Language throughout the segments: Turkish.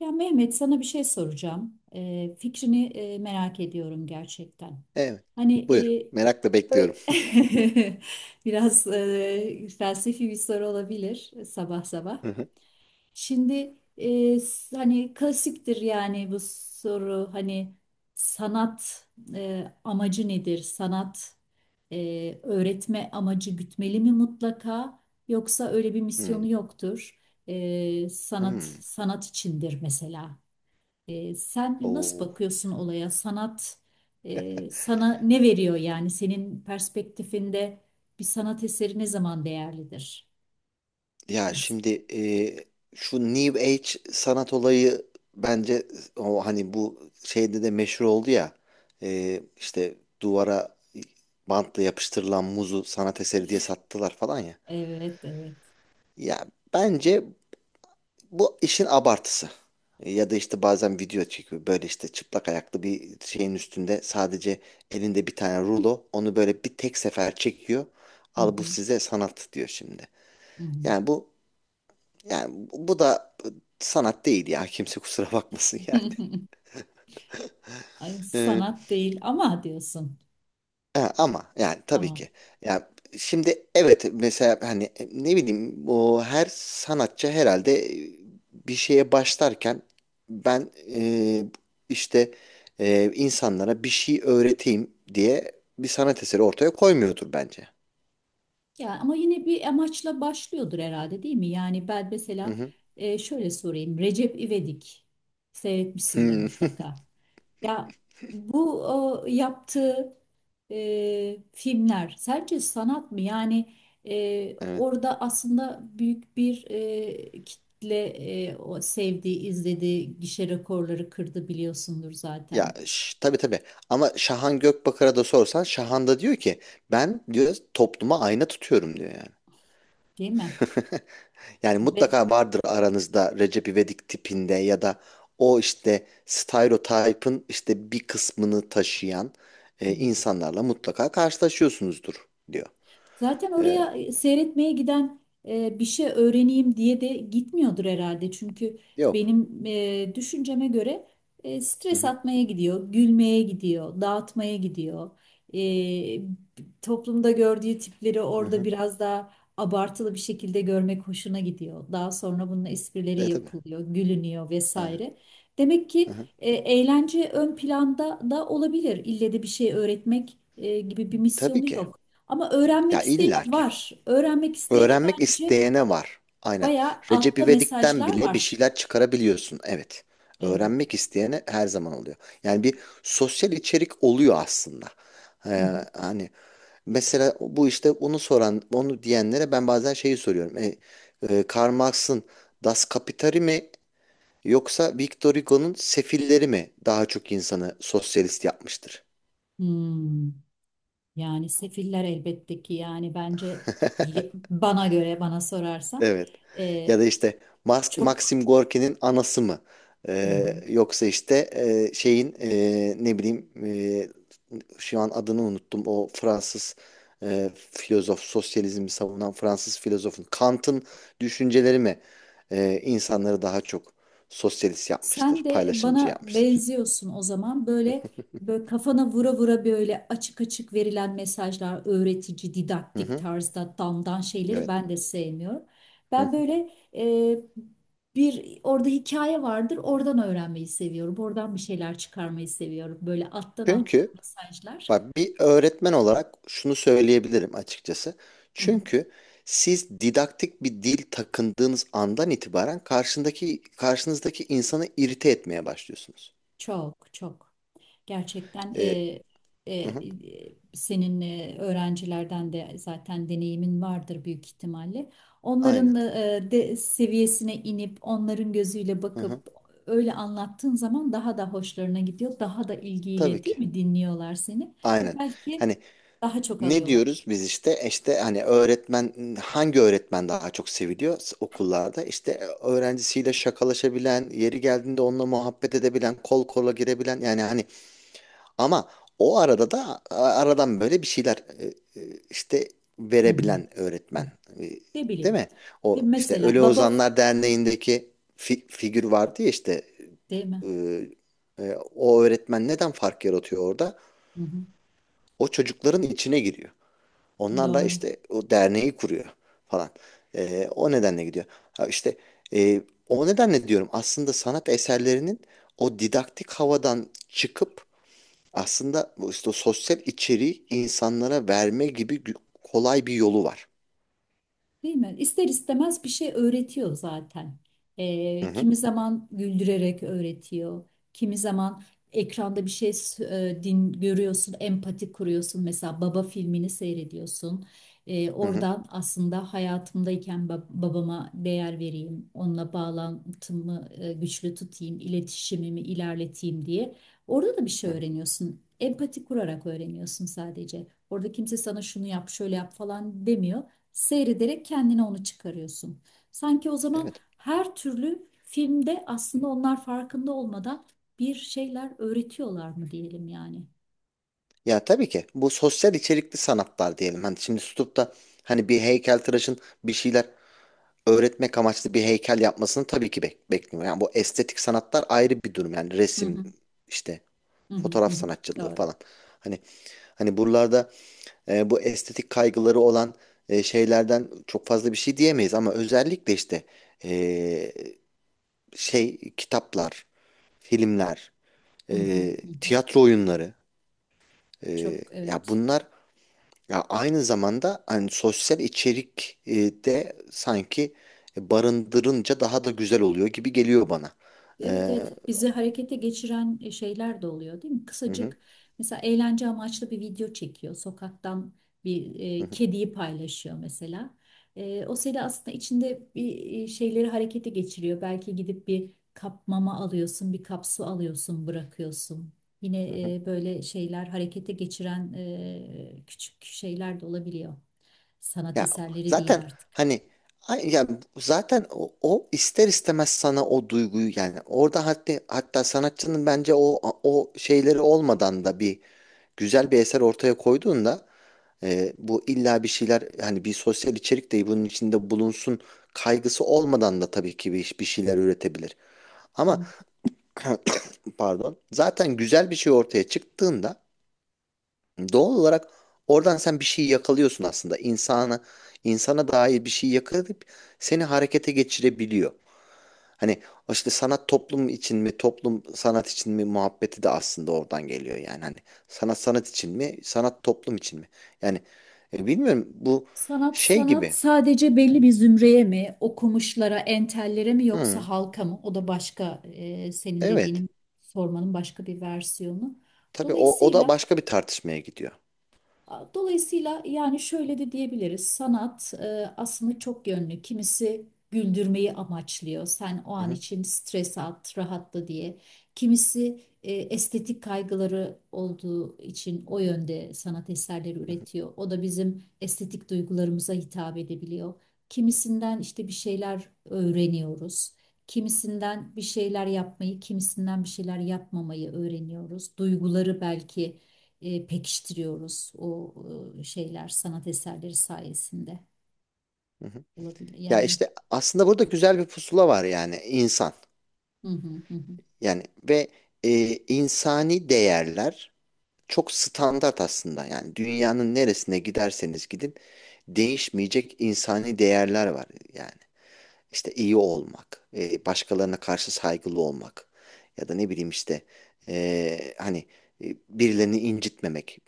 Ya Mehmet sana bir şey soracağım. Fikrini merak ediyorum gerçekten. Evet. Hani Buyur. e, Merakla bekliyorum. böyle biraz felsefi bir soru olabilir sabah sabah. Hı hı. Şimdi hani klasiktir yani bu soru hani sanat amacı nedir? Sanat öğretme amacı gütmeli mi mutlaka yoksa öyle bir Hmm. misyonu yoktur? Sanat Hmm. sanat içindir mesela. Sen nasıl Oo. bakıyorsun olaya? Sanat sana ne veriyor yani? Senin perspektifinde bir sanat eseri ne zaman değerlidir? Ya Mesela. şimdi şu New Age sanat olayı bence o hani bu şeyde de meşhur oldu ya, işte duvara bantla yapıştırılan muzu sanat eseri diye sattılar falan ya. Evet, evet. Ya bence bu işin abartısı. Ya da işte bazen video çekiyor. Böyle işte çıplak ayaklı bir şeyin üstünde sadece elinde bir tane rulo. Onu böyle bir tek sefer çekiyor. Hı Al bu hı, size sanat diyor şimdi. hı hı. Yani bu yani bu da sanat değil ya. Kimse kusura bakmasın Ay, yani. sanat değil ama diyorsun. Ha, ama yani tabii Ama. ki. Ya şimdi evet, mesela hani ne bileyim, o her sanatçı herhalde bir şeye başlarken ben, işte insanlara bir şey öğreteyim diye bir sanat eseri ortaya koymuyordur bence. Ya ama yine bir amaçla başlıyordur herhalde değil mi? Yani ben Hı mesela hı. Şöyle sorayım. Recep İvedik seyretmişsindir Hmm. mutlaka. Ya bu o, yaptığı filmler sence sanat mı? Yani Evet. orada aslında büyük bir kitle o sevdiği, izlediği gişe rekorları kırdı biliyorsundur Ya zaten, tabii tabii, ama Şahan Gökbakar'a da sorsan Şahan da diyor ki ben, diyor, topluma ayna tutuyorum diyor yani. değil mi? Yani Ve, mutlaka vardır aranızda Recep İvedik tipinde ya da o işte stereotipin işte bir kısmını taşıyan insanlarla mutlaka karşılaşıyorsunuzdur diyor. zaten E, oraya seyretmeye giden bir şey öğreneyim diye de gitmiyordur herhalde. Çünkü yok. benim düşünceme göre Hı stres hı, atmaya gidiyor, gülmeye gidiyor, dağıtmaya gidiyor. E, Toplumda gördüğü tipleri hı orada hı. biraz daha abartılı bir şekilde görmek hoşuna gidiyor. Daha sonra bunun esprileri E tabii. yapılıyor, gülünüyor Aynen. vesaire. Demek Hı ki hı. Eğlence ön planda da olabilir. İlle de bir şey öğretmek gibi bir Tabii misyonu ki. yok. Ama Ya öğrenmek isteyene illa ki. var. Öğrenmek isteyene Öğrenmek bence isteyene var. Aynen. bayağı Recep altta İvedik'ten mesajlar bile bir var. şeyler çıkarabiliyorsun. Evet. Evet. Öğrenmek isteyene her zaman oluyor. Yani bir sosyal içerik oluyor aslında. Hı E, hı. Hani, mesela bu işte onu soran, onu diyenlere ben bazen şeyi soruyorum. Karl Marx'ın Das Kapital'i mi yoksa Victor Hugo'nun Sefilleri mi daha çok insanı sosyalist yapmıştır? Hmm. Yani sefiller elbette ki yani bence bana göre bana sorarsan Evet. e, Ya da işte çok. Maxim Gorki'nin anası mı? Hı hı. Yoksa işte şeyin, ne bileyim, şu an adını unuttum. O Fransız filozof, sosyalizmi savunan Fransız filozofun, Kant'ın, düşünceleri mi insanları daha çok sosyalist Sen yapmıştır, de paylaşımcı bana yapmıştır? benziyorsun o zaman. Böyle böyle kafana vura vura böyle açık açık verilen mesajlar, öğretici, Hı didaktik hı. tarzda damdan şeyleri Evet. ben de sevmiyorum. Hı Ben hı. böyle e, bir orada hikaye vardır, oradan öğrenmeyi seviyorum. Oradan bir şeyler çıkarmayı seviyorum. Böyle alttan alttan Çünkü, mesajlar. bak, bir öğretmen olarak şunu söyleyebilirim açıkçası. Hı hı. Çünkü siz didaktik bir dil takındığınız andan itibaren karşındaki, karşınızdaki insanı irite etmeye başlıyorsunuz. Çok çok. Gerçekten Ee, hı hı, senin öğrencilerden de zaten deneyimin vardır büyük ihtimalle. aynen. Onların de seviyesine inip onların gözüyle Hı hı, bakıp öyle anlattığın zaman daha da hoşlarına gidiyor. Daha da tabii ilgiyle değil ki. mi dinliyorlar seni Aynen. ve belki Hani daha çok ne alıyorlar. diyoruz biz işte, hani, öğretmen, hangi öğretmen daha çok seviliyor okullarda? İşte öğrencisiyle şakalaşabilen, yeri geldiğinde onunla muhabbet edebilen, kol kola girebilen, yani hani, ama o arada da aradan böyle bir şeyler, işte, Hı hı. verebilen Hı. öğretmen. E, Ne Değil bileyim. mi? De O işte mesela Ölü baba, Ozanlar Derneği'ndeki figür vardı ya işte, değil mi? e, o öğretmen neden fark yaratıyor orada? Hı hı. O çocukların içine giriyor. Onlar da Doğru. işte o derneği kuruyor falan. O nedenle gidiyor. Ha işte, e, o nedenle diyorum, aslında sanat eserlerinin o didaktik havadan çıkıp aslında bu işte o sosyal içeriği insanlara verme gibi kolay bir yolu var. Değil mi? İster istemez bir şey öğretiyor zaten. Hı hı, Kimi zaman güldürerek öğretiyor. Kimi zaman ekranda bir din görüyorsun, empati kuruyorsun. Mesela Baba filmini seyrediyorsun. Hı hı, Oradan aslında hayatımdayken babama değer vereyim, onunla bağlantımı güçlü tutayım, iletişimimi ilerleteyim diye. Orada da bir şey hı hı. öğreniyorsun. Empati kurarak öğreniyorsun sadece. Orada kimse sana şunu yap, şöyle yap falan demiyor, seyrederek kendine onu çıkarıyorsun. Sanki o zaman Evet. her türlü filmde aslında onlar farkında olmadan bir şeyler öğretiyorlar mı diyelim yani. Ya tabii ki bu sosyal içerikli sanatlar diyelim. Hani şimdi tutup da hani bir heykeltıraşın bir şeyler öğretmek amaçlı bir heykel yapmasını tabii ki bekliyor. Yani bu estetik sanatlar ayrı bir durum. Yani Hı resim, hı, işte hı hı, hı fotoğraf hı. sanatçılığı Doğru. falan. Hani hani buralarda bu estetik kaygıları olan şeylerden çok fazla bir şey diyemeyiz, ama özellikle işte, e, şey, kitaplar, filmler, Hı hı, hı hı. tiyatro oyunları, Çok ya evet. bunlar ya aynı zamanda hani sosyal içerik de sanki barındırınca daha da güzel oluyor gibi geliyor bana. Evet, E, evet, bizi harekete geçiren şeyler de oluyor değil mi? hı hı, Kısacık mesela eğlence amaçlı bir video çekiyor. Sokaktan bir hı hı, kediyi paylaşıyor mesela. O seni aslında içinde bir şeyleri harekete geçiriyor. Belki gidip bir kap mama alıyorsun, bir kap su alıyorsun, bırakıyorsun. hı Yine hı. Böyle şeyler harekete geçiren küçük şeyler de olabiliyor. Sanat Ya eserleri diyeyim zaten artık. hani ya zaten o ister istemez sana o duyguyu, yani orada, hatta hatta sanatçının bence o, şeyleri olmadan da bir, güzel bir eser ortaya koyduğunda, bu illa bir şeyler hani bir sosyal içerik de bunun içinde bulunsun kaygısı olmadan da tabii ki bir şeyler üretebilir. Ama pardon, zaten güzel bir şey ortaya çıktığında doğal olarak oradan sen bir şey yakalıyorsun aslında. İnsana dair bir şey yakalayıp seni harekete geçirebiliyor. Hani o işte sanat toplum için mi, toplum sanat için mi muhabbeti de aslında oradan geliyor yani. Hani sanat sanat için mi, sanat toplum için mi? Yani bilmiyorum, bu Sanat şey sanat gibi. sadece belli bir zümreye mi, okumuşlara, entellere mi yoksa Hı, halka mı? O da başka senin evet. dediğinin sormanın başka bir versiyonu. Tabii o da Dolayısıyla başka bir tartışmaya gidiyor. Dolayısıyla yani şöyle de diyebiliriz. Sanat aslında çok yönlü. Kimisi güldürmeyi amaçlıyor. Sen o Hı an hı, için stres at, rahatla diye. Kimisi estetik kaygıları olduğu için o yönde sanat eserleri hı hı, üretiyor. O da bizim estetik duygularımıza hitap edebiliyor. Kimisinden işte bir şeyler öğreniyoruz. Kimisinden bir şeyler yapmayı, kimisinden bir şeyler yapmamayı öğreniyoruz. Duyguları belki pekiştiriyoruz o şeyler sanat eserleri sayesinde hı hı. olabilir Ya yani. işte aslında burada güzel bir pusula var, yani insan. Hı hı hı. Yani, ve e, insani değerler çok standart aslında. Yani dünyanın neresine giderseniz gidin değişmeyecek insani değerler var. Yani İşte iyi olmak, başkalarına karşı saygılı olmak ya da ne bileyim, işte hani birilerini incitmemek,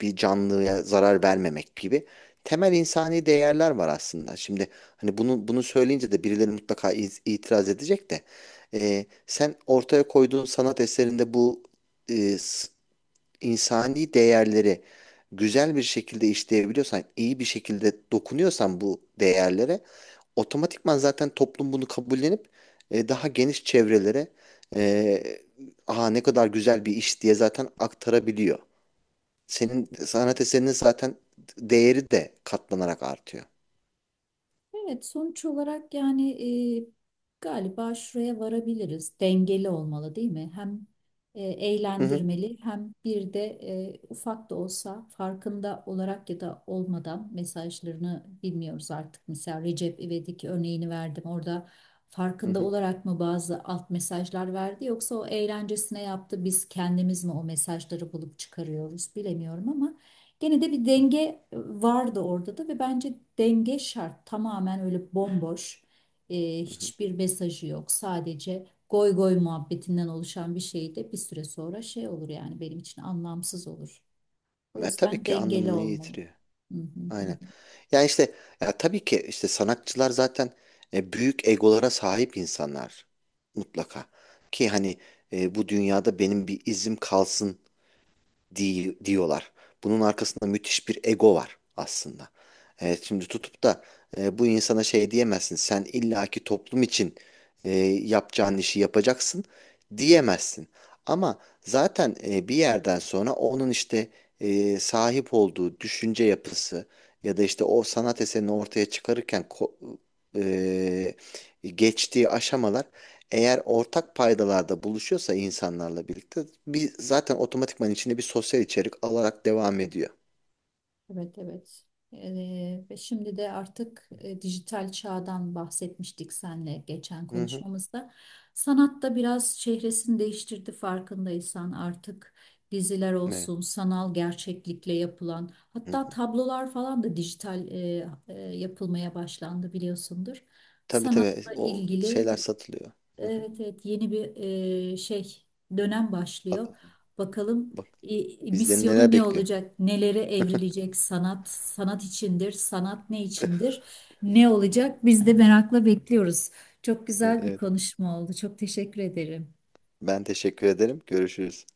bir canlıya zarar vermemek gibi temel insani değerler var aslında. Şimdi hani bunu söyleyince de birileri mutlaka itiraz edecek de, sen ortaya koyduğun sanat eserinde bu e, s- insani değerleri güzel bir şekilde işleyebiliyorsan, iyi bir şekilde dokunuyorsan bu değerlere, otomatikman zaten toplum bunu kabullenip daha geniş çevrelere e, aha ne kadar güzel bir iş diye zaten aktarabiliyor. Senin Hı. sanat eserinin zaten değeri de katlanarak artıyor. Evet, sonuç olarak yani e, galiba şuraya varabiliriz. Dengeli olmalı değil mi? Hem Hı hı, eğlendirmeli hem bir de ufak da olsa farkında olarak ya da olmadan mesajlarını bilmiyoruz artık. Mesela Recep İvedik örneğini verdim. Orada hı farkında hı, olarak mı bazı alt mesajlar verdi yoksa o eğlencesine yaptı. Biz kendimiz mi o mesajları bulup çıkarıyoruz bilemiyorum ama. Gene de bir denge vardı orada da ve bence denge şart. Tamamen öyle bomboş, hı hı. hiçbir mesajı yok. Sadece goy goy muhabbetinden oluşan bir şey de bir süre sonra şey olur yani benim için anlamsız olur. O Tabii yüzden ki dengeli anlamını olmalı. yitiriyor. Hı hı hı. Aynen. Yani işte, ya tabii ki işte sanatçılar zaten büyük egolara sahip insanlar mutlaka. Ki hani, bu dünyada benim bir izim kalsın diyorlar. Bunun arkasında müthiş bir ego var aslında. Evet, şimdi tutup da bu insana şey diyemezsin. Sen illaki toplum için e, yapacağın işi yapacaksın diyemezsin. Ama zaten bir yerden sonra onun işte sahip olduğu düşünce yapısı ya da işte o sanat eserini ortaya çıkarırken e, geçtiği aşamalar, eğer ortak paydalarda buluşuyorsa insanlarla birlikte, bir zaten otomatikman içinde bir sosyal içerik alarak devam ediyor. Evet, evet. Ve şimdi de artık dijital çağdan bahsetmiştik senle geçen Hı hı. konuşmamızda. Sanat da biraz çehresini değiştirdi farkındaysan artık diziler Evet. olsun, sanal gerçeklikle yapılan Hı hatta hı. tablolar falan da dijital yapılmaya başlandı biliyorsundur. Tabii tabii, Sanatla o ilgili şeyler satılıyor. Hı hı. evet, evet, yeni bir e, şey dönem başlıyor. Bakın, Bakalım bak bizden misyonu neler ne bekliyor. olacak? Nelere evrilecek sanat? Sanat içindir. Sanat ne içindir? Ne olacak? Biz de merakla bekliyoruz. Çok güzel bir Evet. konuşma oldu. Çok teşekkür ederim. Ben teşekkür ederim. Görüşürüz.